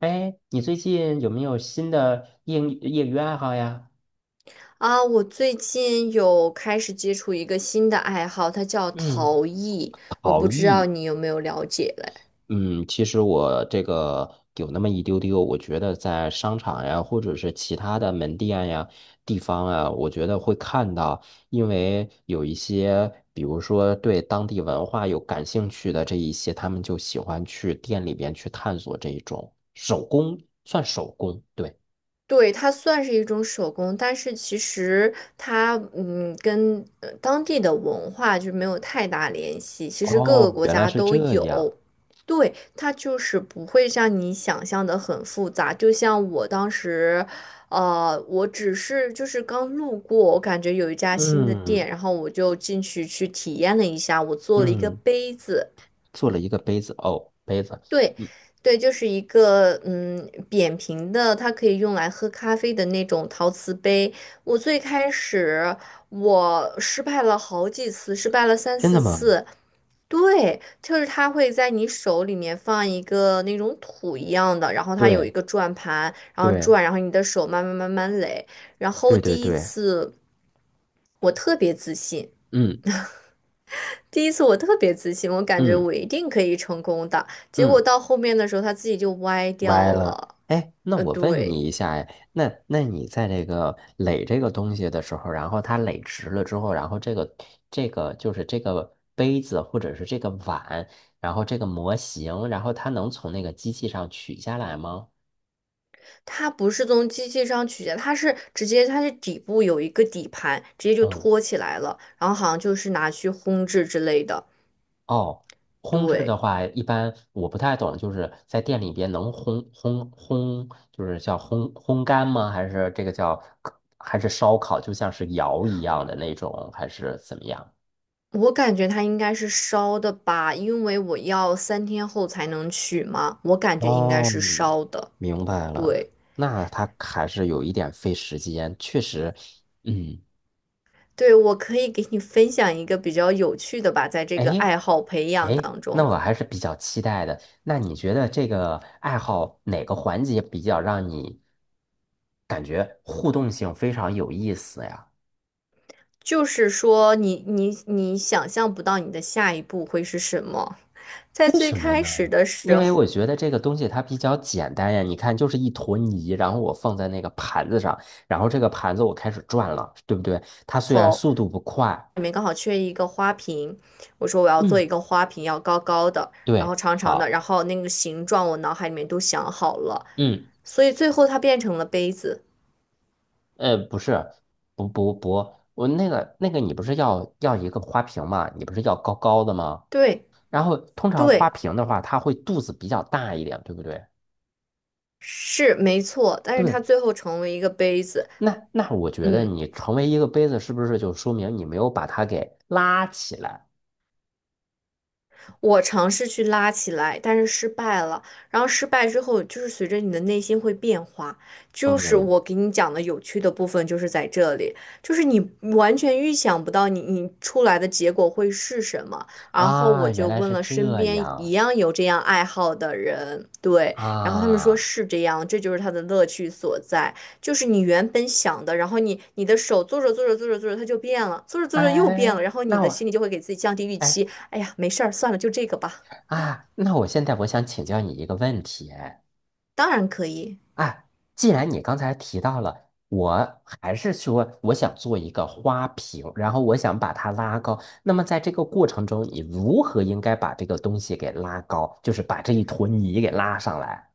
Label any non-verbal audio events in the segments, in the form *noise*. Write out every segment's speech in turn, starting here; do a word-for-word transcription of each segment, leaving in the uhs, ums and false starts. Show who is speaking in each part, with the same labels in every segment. Speaker 1: 哎，你最近有没有新的业余业余爱好呀？
Speaker 2: 啊，我最近有开始接触一个新的爱好，它叫
Speaker 1: 嗯
Speaker 2: 陶艺，我不知道你有没有了解嘞。
Speaker 1: 嗯，其实我这个有那么一丢丢，我觉得在商场呀，或者是其他的门店呀、地方啊，我觉得会看到，因为有一些，比如说对当地文化有感兴趣的这一些，他们就喜欢去店里边去探索这一种手工，算手工，对。
Speaker 2: 对，它算是一种手工，但是其实它嗯跟呃当地的文化就没有太大联系。其实各
Speaker 1: 哦，
Speaker 2: 个国
Speaker 1: 原来
Speaker 2: 家
Speaker 1: 是
Speaker 2: 都
Speaker 1: 这样。
Speaker 2: 有，对，它就是不会像你想象的很复杂。就像我当时，呃，我只是就是刚路过，我感觉有一家新的
Speaker 1: 嗯
Speaker 2: 店，然后我就进去去体验了一下，我做了一个
Speaker 1: 嗯。
Speaker 2: 杯子。
Speaker 1: 做了一个杯子哦，杯子，
Speaker 2: 对，
Speaker 1: 嗯，
Speaker 2: 对，就是一个嗯扁平的，它可以用来喝咖啡的那种陶瓷杯。我最开始我失败了好几次，失败了三
Speaker 1: 真
Speaker 2: 四
Speaker 1: 的吗？
Speaker 2: 次。对，就是它会在你手里面放一个那种土一样的，然后它有一
Speaker 1: 对
Speaker 2: 个转盘，然后
Speaker 1: 对
Speaker 2: 转，然后你的手慢慢慢慢垒。然后
Speaker 1: 对对
Speaker 2: 第一
Speaker 1: 对，
Speaker 2: 次我特别自信，
Speaker 1: 嗯
Speaker 2: 第一次我特别自信，我感觉
Speaker 1: 嗯
Speaker 2: 我一定可以成功的。结果
Speaker 1: 嗯，
Speaker 2: 到后面的时候，它自己就歪掉
Speaker 1: 歪了。
Speaker 2: 了。
Speaker 1: 哎，那
Speaker 2: 呃，
Speaker 1: 我问
Speaker 2: 对，
Speaker 1: 你一下，哎，那那你在这个垒这个东西的时候，然后它垒直了之后，然后这个这个就是这个杯子或者是这个碗，然后这个模型，然后它能从那个机器上取下来吗？
Speaker 2: 它不是从机器上取下，它是直接它是底部有一个底盘，直接就
Speaker 1: 嗯
Speaker 2: 托起来了，然后好像就是拿去烘制之类的。
Speaker 1: 哦，烘制的
Speaker 2: 对，
Speaker 1: 话，一般我不太懂，就是在店里边能烘烘烘，就是叫烘烘干吗？还是这个叫还是烧烤，就像是窑一样的那种，还是怎么样？
Speaker 2: 我感觉它应该是烧的吧，因为我要三天后才能取嘛，我感觉应该
Speaker 1: 哦，
Speaker 2: 是烧的。
Speaker 1: 明白了，
Speaker 2: 对，
Speaker 1: 那它还是有一点费时间，确实，嗯。
Speaker 2: 对，我可以给你分享一个比较有趣的吧，在这个
Speaker 1: 哎
Speaker 2: 爱好培养
Speaker 1: 哎，
Speaker 2: 当
Speaker 1: 那
Speaker 2: 中。
Speaker 1: 我还是比较期待的。那你觉得这个爱好哪个环节比较让你感觉互动性非常有意思呀？
Speaker 2: 就是说你，你你想象不到你的下一步会是什么。在
Speaker 1: 为
Speaker 2: 最
Speaker 1: 什么
Speaker 2: 开
Speaker 1: 呢？
Speaker 2: 始的
Speaker 1: 因
Speaker 2: 时
Speaker 1: 为我觉得这个东西它比较简单呀，你看就是一坨泥，然后我放在那个盘子上，然后这个盘子我开始转了，对不对？它虽然
Speaker 2: 候，
Speaker 1: 速度不快，
Speaker 2: 里面刚好缺一个花瓶，我说我要做一
Speaker 1: 嗯，
Speaker 2: 个花瓶，要高高的，然后
Speaker 1: 对，
Speaker 2: 长长的，
Speaker 1: 好，
Speaker 2: 然后那个形状我脑海里面都想好了，
Speaker 1: 嗯。
Speaker 2: 所以最后它变成了杯子。
Speaker 1: 呃，不是，不不不，我那个那个，你不是要要一个花瓶嘛？你不是要高高的吗？
Speaker 2: 对
Speaker 1: 然后通常花
Speaker 2: 对，
Speaker 1: 瓶的话，它会肚子比较大一点，对不对？
Speaker 2: 是没错，但是它
Speaker 1: 对，
Speaker 2: 最后成为一个杯子，
Speaker 1: 那那我觉得
Speaker 2: 嗯。
Speaker 1: 你成为一个杯子，是不是就说明你没有把它给拉起来？
Speaker 2: 我尝试去拉起来，但是失败了。然后失败之后，就是随着你的内心会变化。就是
Speaker 1: 嗯，
Speaker 2: 我给你讲的有趣的部分，就是在这里，就是你完全预想不到你你出来的结果会是什么。然后我
Speaker 1: 啊，原
Speaker 2: 就
Speaker 1: 来
Speaker 2: 问
Speaker 1: 是
Speaker 2: 了
Speaker 1: 这
Speaker 2: 身边一
Speaker 1: 样
Speaker 2: 样有这样爱好的人，对，然后他们说
Speaker 1: 啊，
Speaker 2: 是这样，这就是他的乐趣所在。就是你原本想的，然后你你的手做着做着做着做着，它就变了，做着做着又变
Speaker 1: 哎，
Speaker 2: 了，然后你
Speaker 1: 那
Speaker 2: 的心
Speaker 1: 我，
Speaker 2: 里就会给自己降低预
Speaker 1: 哎
Speaker 2: 期，哎呀，没事儿，算了，就这个吧。
Speaker 1: 啊，那我现在我想请教你一个问题，哎。
Speaker 2: 当然可以，
Speaker 1: 哎，既然你刚才提到了，我还是说我想做一个花瓶，然后我想把它拉高。那么在这个过程中，你如何应该把这个东西给拉高，就是把这一坨泥给拉上来？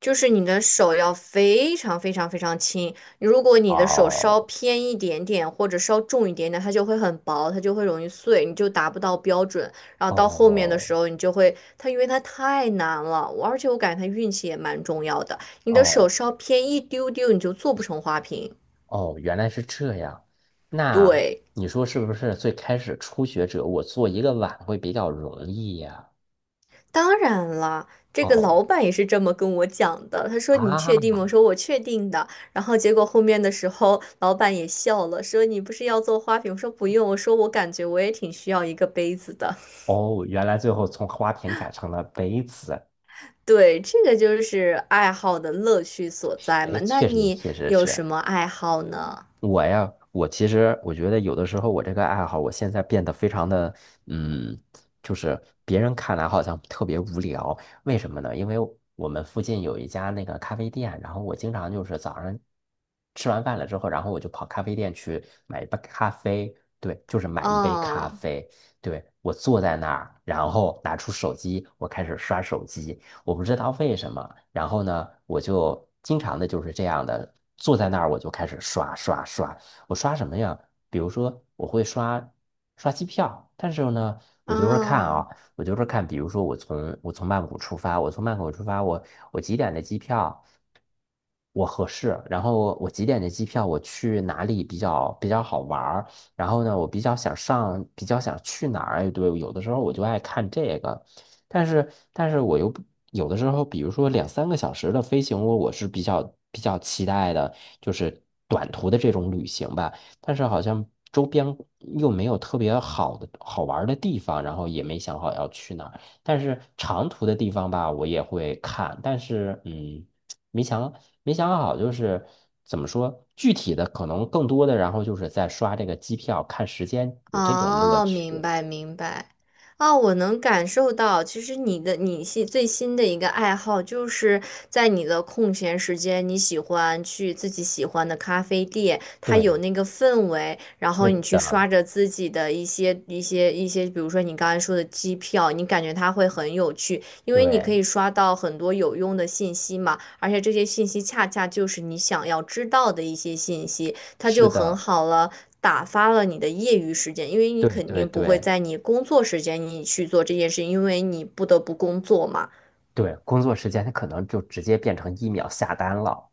Speaker 2: 就是你的手要非常非常非常轻。如果你的手稍
Speaker 1: 哦，
Speaker 2: 偏一点点，或者稍重一点点，它就会很薄，它就会容易碎，你就达不到标准。然后到后面的
Speaker 1: 哦
Speaker 2: 时候，你就会它，因为它太难了，我而且我感觉它运气也蛮重要的。你的手
Speaker 1: 哦
Speaker 2: 稍偏一丢丢，你就做不成花瓶。
Speaker 1: 哦，原来是这样。那
Speaker 2: 对，
Speaker 1: 你说是不是最开始初学者，我做一个碗会比较容易呀？
Speaker 2: 当然了，这个
Speaker 1: 哦
Speaker 2: 老板也是这么跟我讲的。他说："你
Speaker 1: 啊，
Speaker 2: 确定吗？"我说："我确定的。"然后结果后面的时候，老板也笑了，说："你不是要做花瓶？"我说："不用。"我说："我感觉我也挺需要一个杯子的。"
Speaker 1: 哦，原来最后从花瓶改成了杯子。
Speaker 2: 对，这个就是爱好的乐趣所在
Speaker 1: 哎，
Speaker 2: 嘛。那
Speaker 1: 确实
Speaker 2: 你
Speaker 1: 确实
Speaker 2: 有
Speaker 1: 是。
Speaker 2: 什么爱好呢？
Speaker 1: 我呀，我其实我觉得有的时候我这个爱好，我现在变得非常的，嗯，就是别人看来好像特别无聊，为什么呢？因为我们附近有一家那个咖啡店，然后我经常就是早上吃完饭了之后，然后我就跑咖啡店去买一杯咖啡，对，就是买一杯咖
Speaker 2: 哦，
Speaker 1: 啡，对，我坐在那儿，然后拿出手机，我开始刷手机，我不知道为什么。然后呢，我就经常的就是这样的坐在那儿，我就开始刷刷刷。我刷什么呀？比如说我会刷刷机票，但是呢，我就是看
Speaker 2: 哦。
Speaker 1: 啊，我就是看，比如说我从我从曼谷出发，我从曼谷出发，我我几点的机票？我合适，然后我几点的机票，我去哪里比较比较好玩儿？然后呢，我比较想上，比较想去哪儿？哎，对，有的时候我就爱看这个。但是，但是我又不有的时候，比如说两三个小时的飞行，我我是比较比较期待的，就是短途的这种旅行吧。但是好像周边又没有特别好的好玩儿的地方，然后也没想好要去哪儿。但是长途的地方吧，我也会看，但是嗯，没想没想好，就是怎么说，具体的可能更多的，然后就是在刷这个机票看时间，有这种乐
Speaker 2: 哦，明
Speaker 1: 趣。
Speaker 2: 白明白。哦，我能感受到，其实你的你新最新的一个爱好，就是在你的空闲时间，你喜欢去自己喜欢的咖啡店，它有
Speaker 1: 对，
Speaker 2: 那个氛围，然后
Speaker 1: 对
Speaker 2: 你去刷
Speaker 1: 的，
Speaker 2: 着自己的一些一些一些，比如说你刚才说的机票，你感觉它会很有趣，因为你可
Speaker 1: 对。
Speaker 2: 以刷到很多有用的信息嘛，而且这些信息恰恰就是你想要知道的一些信息。它就
Speaker 1: 是
Speaker 2: 很
Speaker 1: 的，
Speaker 2: 好了，打发了你的业余时间，因为你
Speaker 1: 对
Speaker 2: 肯
Speaker 1: 对
Speaker 2: 定不会
Speaker 1: 对
Speaker 2: 在你工作时间你去做这件事，因为你不得不工作嘛。
Speaker 1: 对，工作时间它可能就直接变成一秒下单了。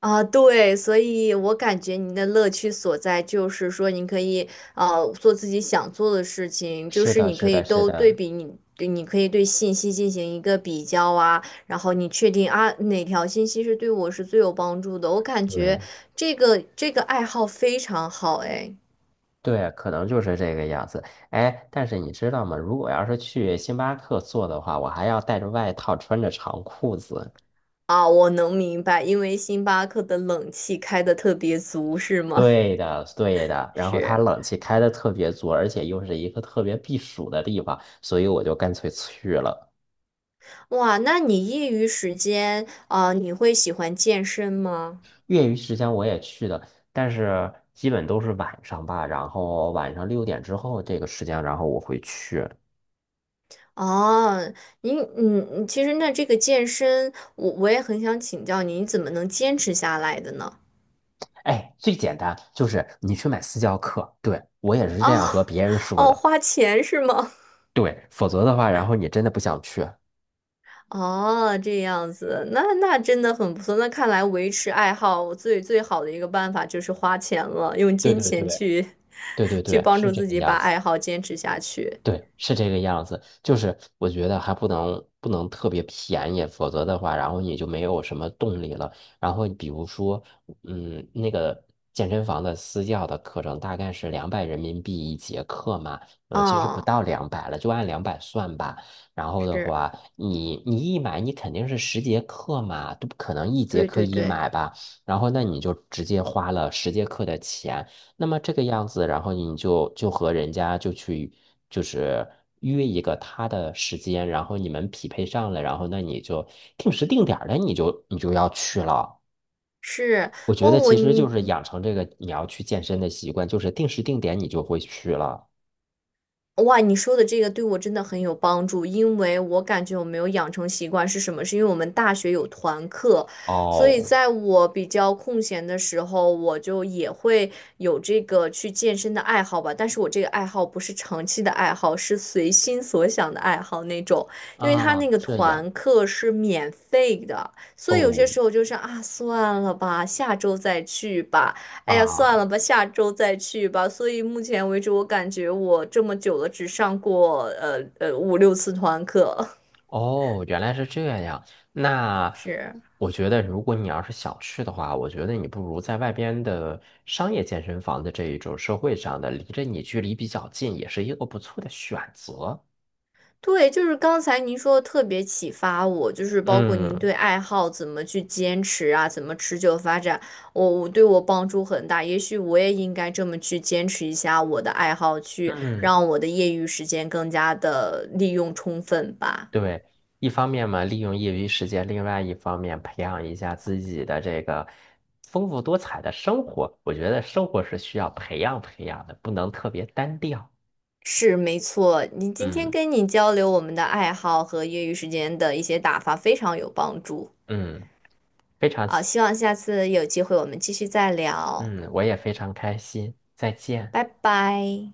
Speaker 2: 啊，对，所以我感觉您的乐趣所在就是说，您可以呃做自己想做的事情，就
Speaker 1: 是
Speaker 2: 是
Speaker 1: 的，
Speaker 2: 你可
Speaker 1: 是
Speaker 2: 以
Speaker 1: 的，是
Speaker 2: 都对
Speaker 1: 的，
Speaker 2: 比你，对你可以对信息进行一个比较啊，然后你确定啊哪条信息是对我是最有帮助的。我感觉
Speaker 1: 对
Speaker 2: 这个这个爱好非常好，哎。
Speaker 1: 对，可能就是这个样子。哎，但是你知道吗？如果要是去星巴克做的话，我还要带着外套，穿着长裤子。
Speaker 2: 啊，我能明白，因为星巴克的冷气开的特别足，是吗？
Speaker 1: 对的，对
Speaker 2: *laughs*
Speaker 1: 的。然后它
Speaker 2: 是，
Speaker 1: 冷气开的特别足，而且又是一个特别避暑的地方，所以我就干脆去了。
Speaker 2: 哇，那你业余时间啊，你会喜欢健身吗？
Speaker 1: 业余时间我也去的，但是基本都是晚上吧，然后晚上六点之后这个时间，然后我会去。
Speaker 2: 哦，您，嗯，其实那这个健身，我我也很想请教您，你怎么能坚持下来的呢？
Speaker 1: 哎，最简单就是你去买私教课，对，我也是这
Speaker 2: 哦，
Speaker 1: 样和别人说
Speaker 2: 哦，
Speaker 1: 的，
Speaker 2: 花钱是吗？
Speaker 1: 对，否则的话，然后你真的不想去。
Speaker 2: 哦，这样子，那那真的很不错。那看来维持爱好最最好的一个办法就是花钱了，用
Speaker 1: 对
Speaker 2: 金
Speaker 1: 对对
Speaker 2: 钱
Speaker 1: 对
Speaker 2: 去
Speaker 1: 对
Speaker 2: *laughs* 去
Speaker 1: 对，
Speaker 2: 帮助
Speaker 1: 是这
Speaker 2: 自
Speaker 1: 个
Speaker 2: 己把
Speaker 1: 样子。
Speaker 2: 爱好坚持下去。
Speaker 1: 对，是这个样子。就是我觉得还不能不能特别便宜，否则的话，然后你就没有什么动力了。然后比如说，嗯，那个健身房的私教的课程大概是两百人民币一节课嘛，呃，其实不到
Speaker 2: 嗯，
Speaker 1: 两百了，就按两百算吧。然后的
Speaker 2: 是，
Speaker 1: 话，你你一买，你肯定是十节课嘛，都不可能一节
Speaker 2: 对
Speaker 1: 课
Speaker 2: 对
Speaker 1: 一
Speaker 2: 对，
Speaker 1: 买吧。然后那你就直接花了十节课的钱，那么这个样子，然后你就就和人家就去就是约一个他的时间，然后你们匹配上了，然后那你就定时定点儿的，你就你就要去了。
Speaker 2: 是。
Speaker 1: 我觉
Speaker 2: 哇，
Speaker 1: 得
Speaker 2: 我
Speaker 1: 其实
Speaker 2: 你
Speaker 1: 就是养成这个你要去健身的习惯，就是定时定点你就会去了。
Speaker 2: 哇，你说的这个对我真的很有帮助，因为我感觉我没有养成习惯是什么？是因为我们大学有团课，所以
Speaker 1: 哦，
Speaker 2: 在我比较空闲的时候，我就也会有这个去健身的爱好吧。但是我这个爱好不是长期的爱好，是随心所想的爱好那种，因为他
Speaker 1: 啊，
Speaker 2: 那个
Speaker 1: 这样
Speaker 2: 团课是免费的，所以有些
Speaker 1: 哦
Speaker 2: 时候就是啊，算了吧，下周再去吧。哎呀，
Speaker 1: 啊。
Speaker 2: 算了吧，下周再去吧。所以目前为止，我感觉我这么久了，只上过呃呃五六次团课。
Speaker 1: 哦，原来是这样。
Speaker 2: *laughs*
Speaker 1: 那
Speaker 2: 是，
Speaker 1: 我觉得，如果你要是想去的话，我觉得你不如在外边的商业健身房的这一种社会上的，离着你距离比较近，也是一个不错的选择。
Speaker 2: 对，就是刚才您说的特别启发我，就是包括您
Speaker 1: 嗯
Speaker 2: 对爱好怎么去坚持啊，怎么持久发展，我我对我帮助很大。也许我也应该这么去坚持一下我的爱好，去
Speaker 1: 嗯，
Speaker 2: 让我的业余时间更加的利用充分吧。
Speaker 1: 对，一方面嘛，利用业余时间，另外一方面培养一下自己的这个丰富多彩的生活。我觉得生活是需要培养培养的，不能特别单调。
Speaker 2: 是没错，你今天
Speaker 1: 嗯
Speaker 2: 跟你交流我们的爱好和业余时间的一些打发非常有帮助
Speaker 1: 嗯，非常。
Speaker 2: 啊，希望下次有机会我们继续再聊，
Speaker 1: 嗯，我也非常开心，再见。
Speaker 2: 拜拜。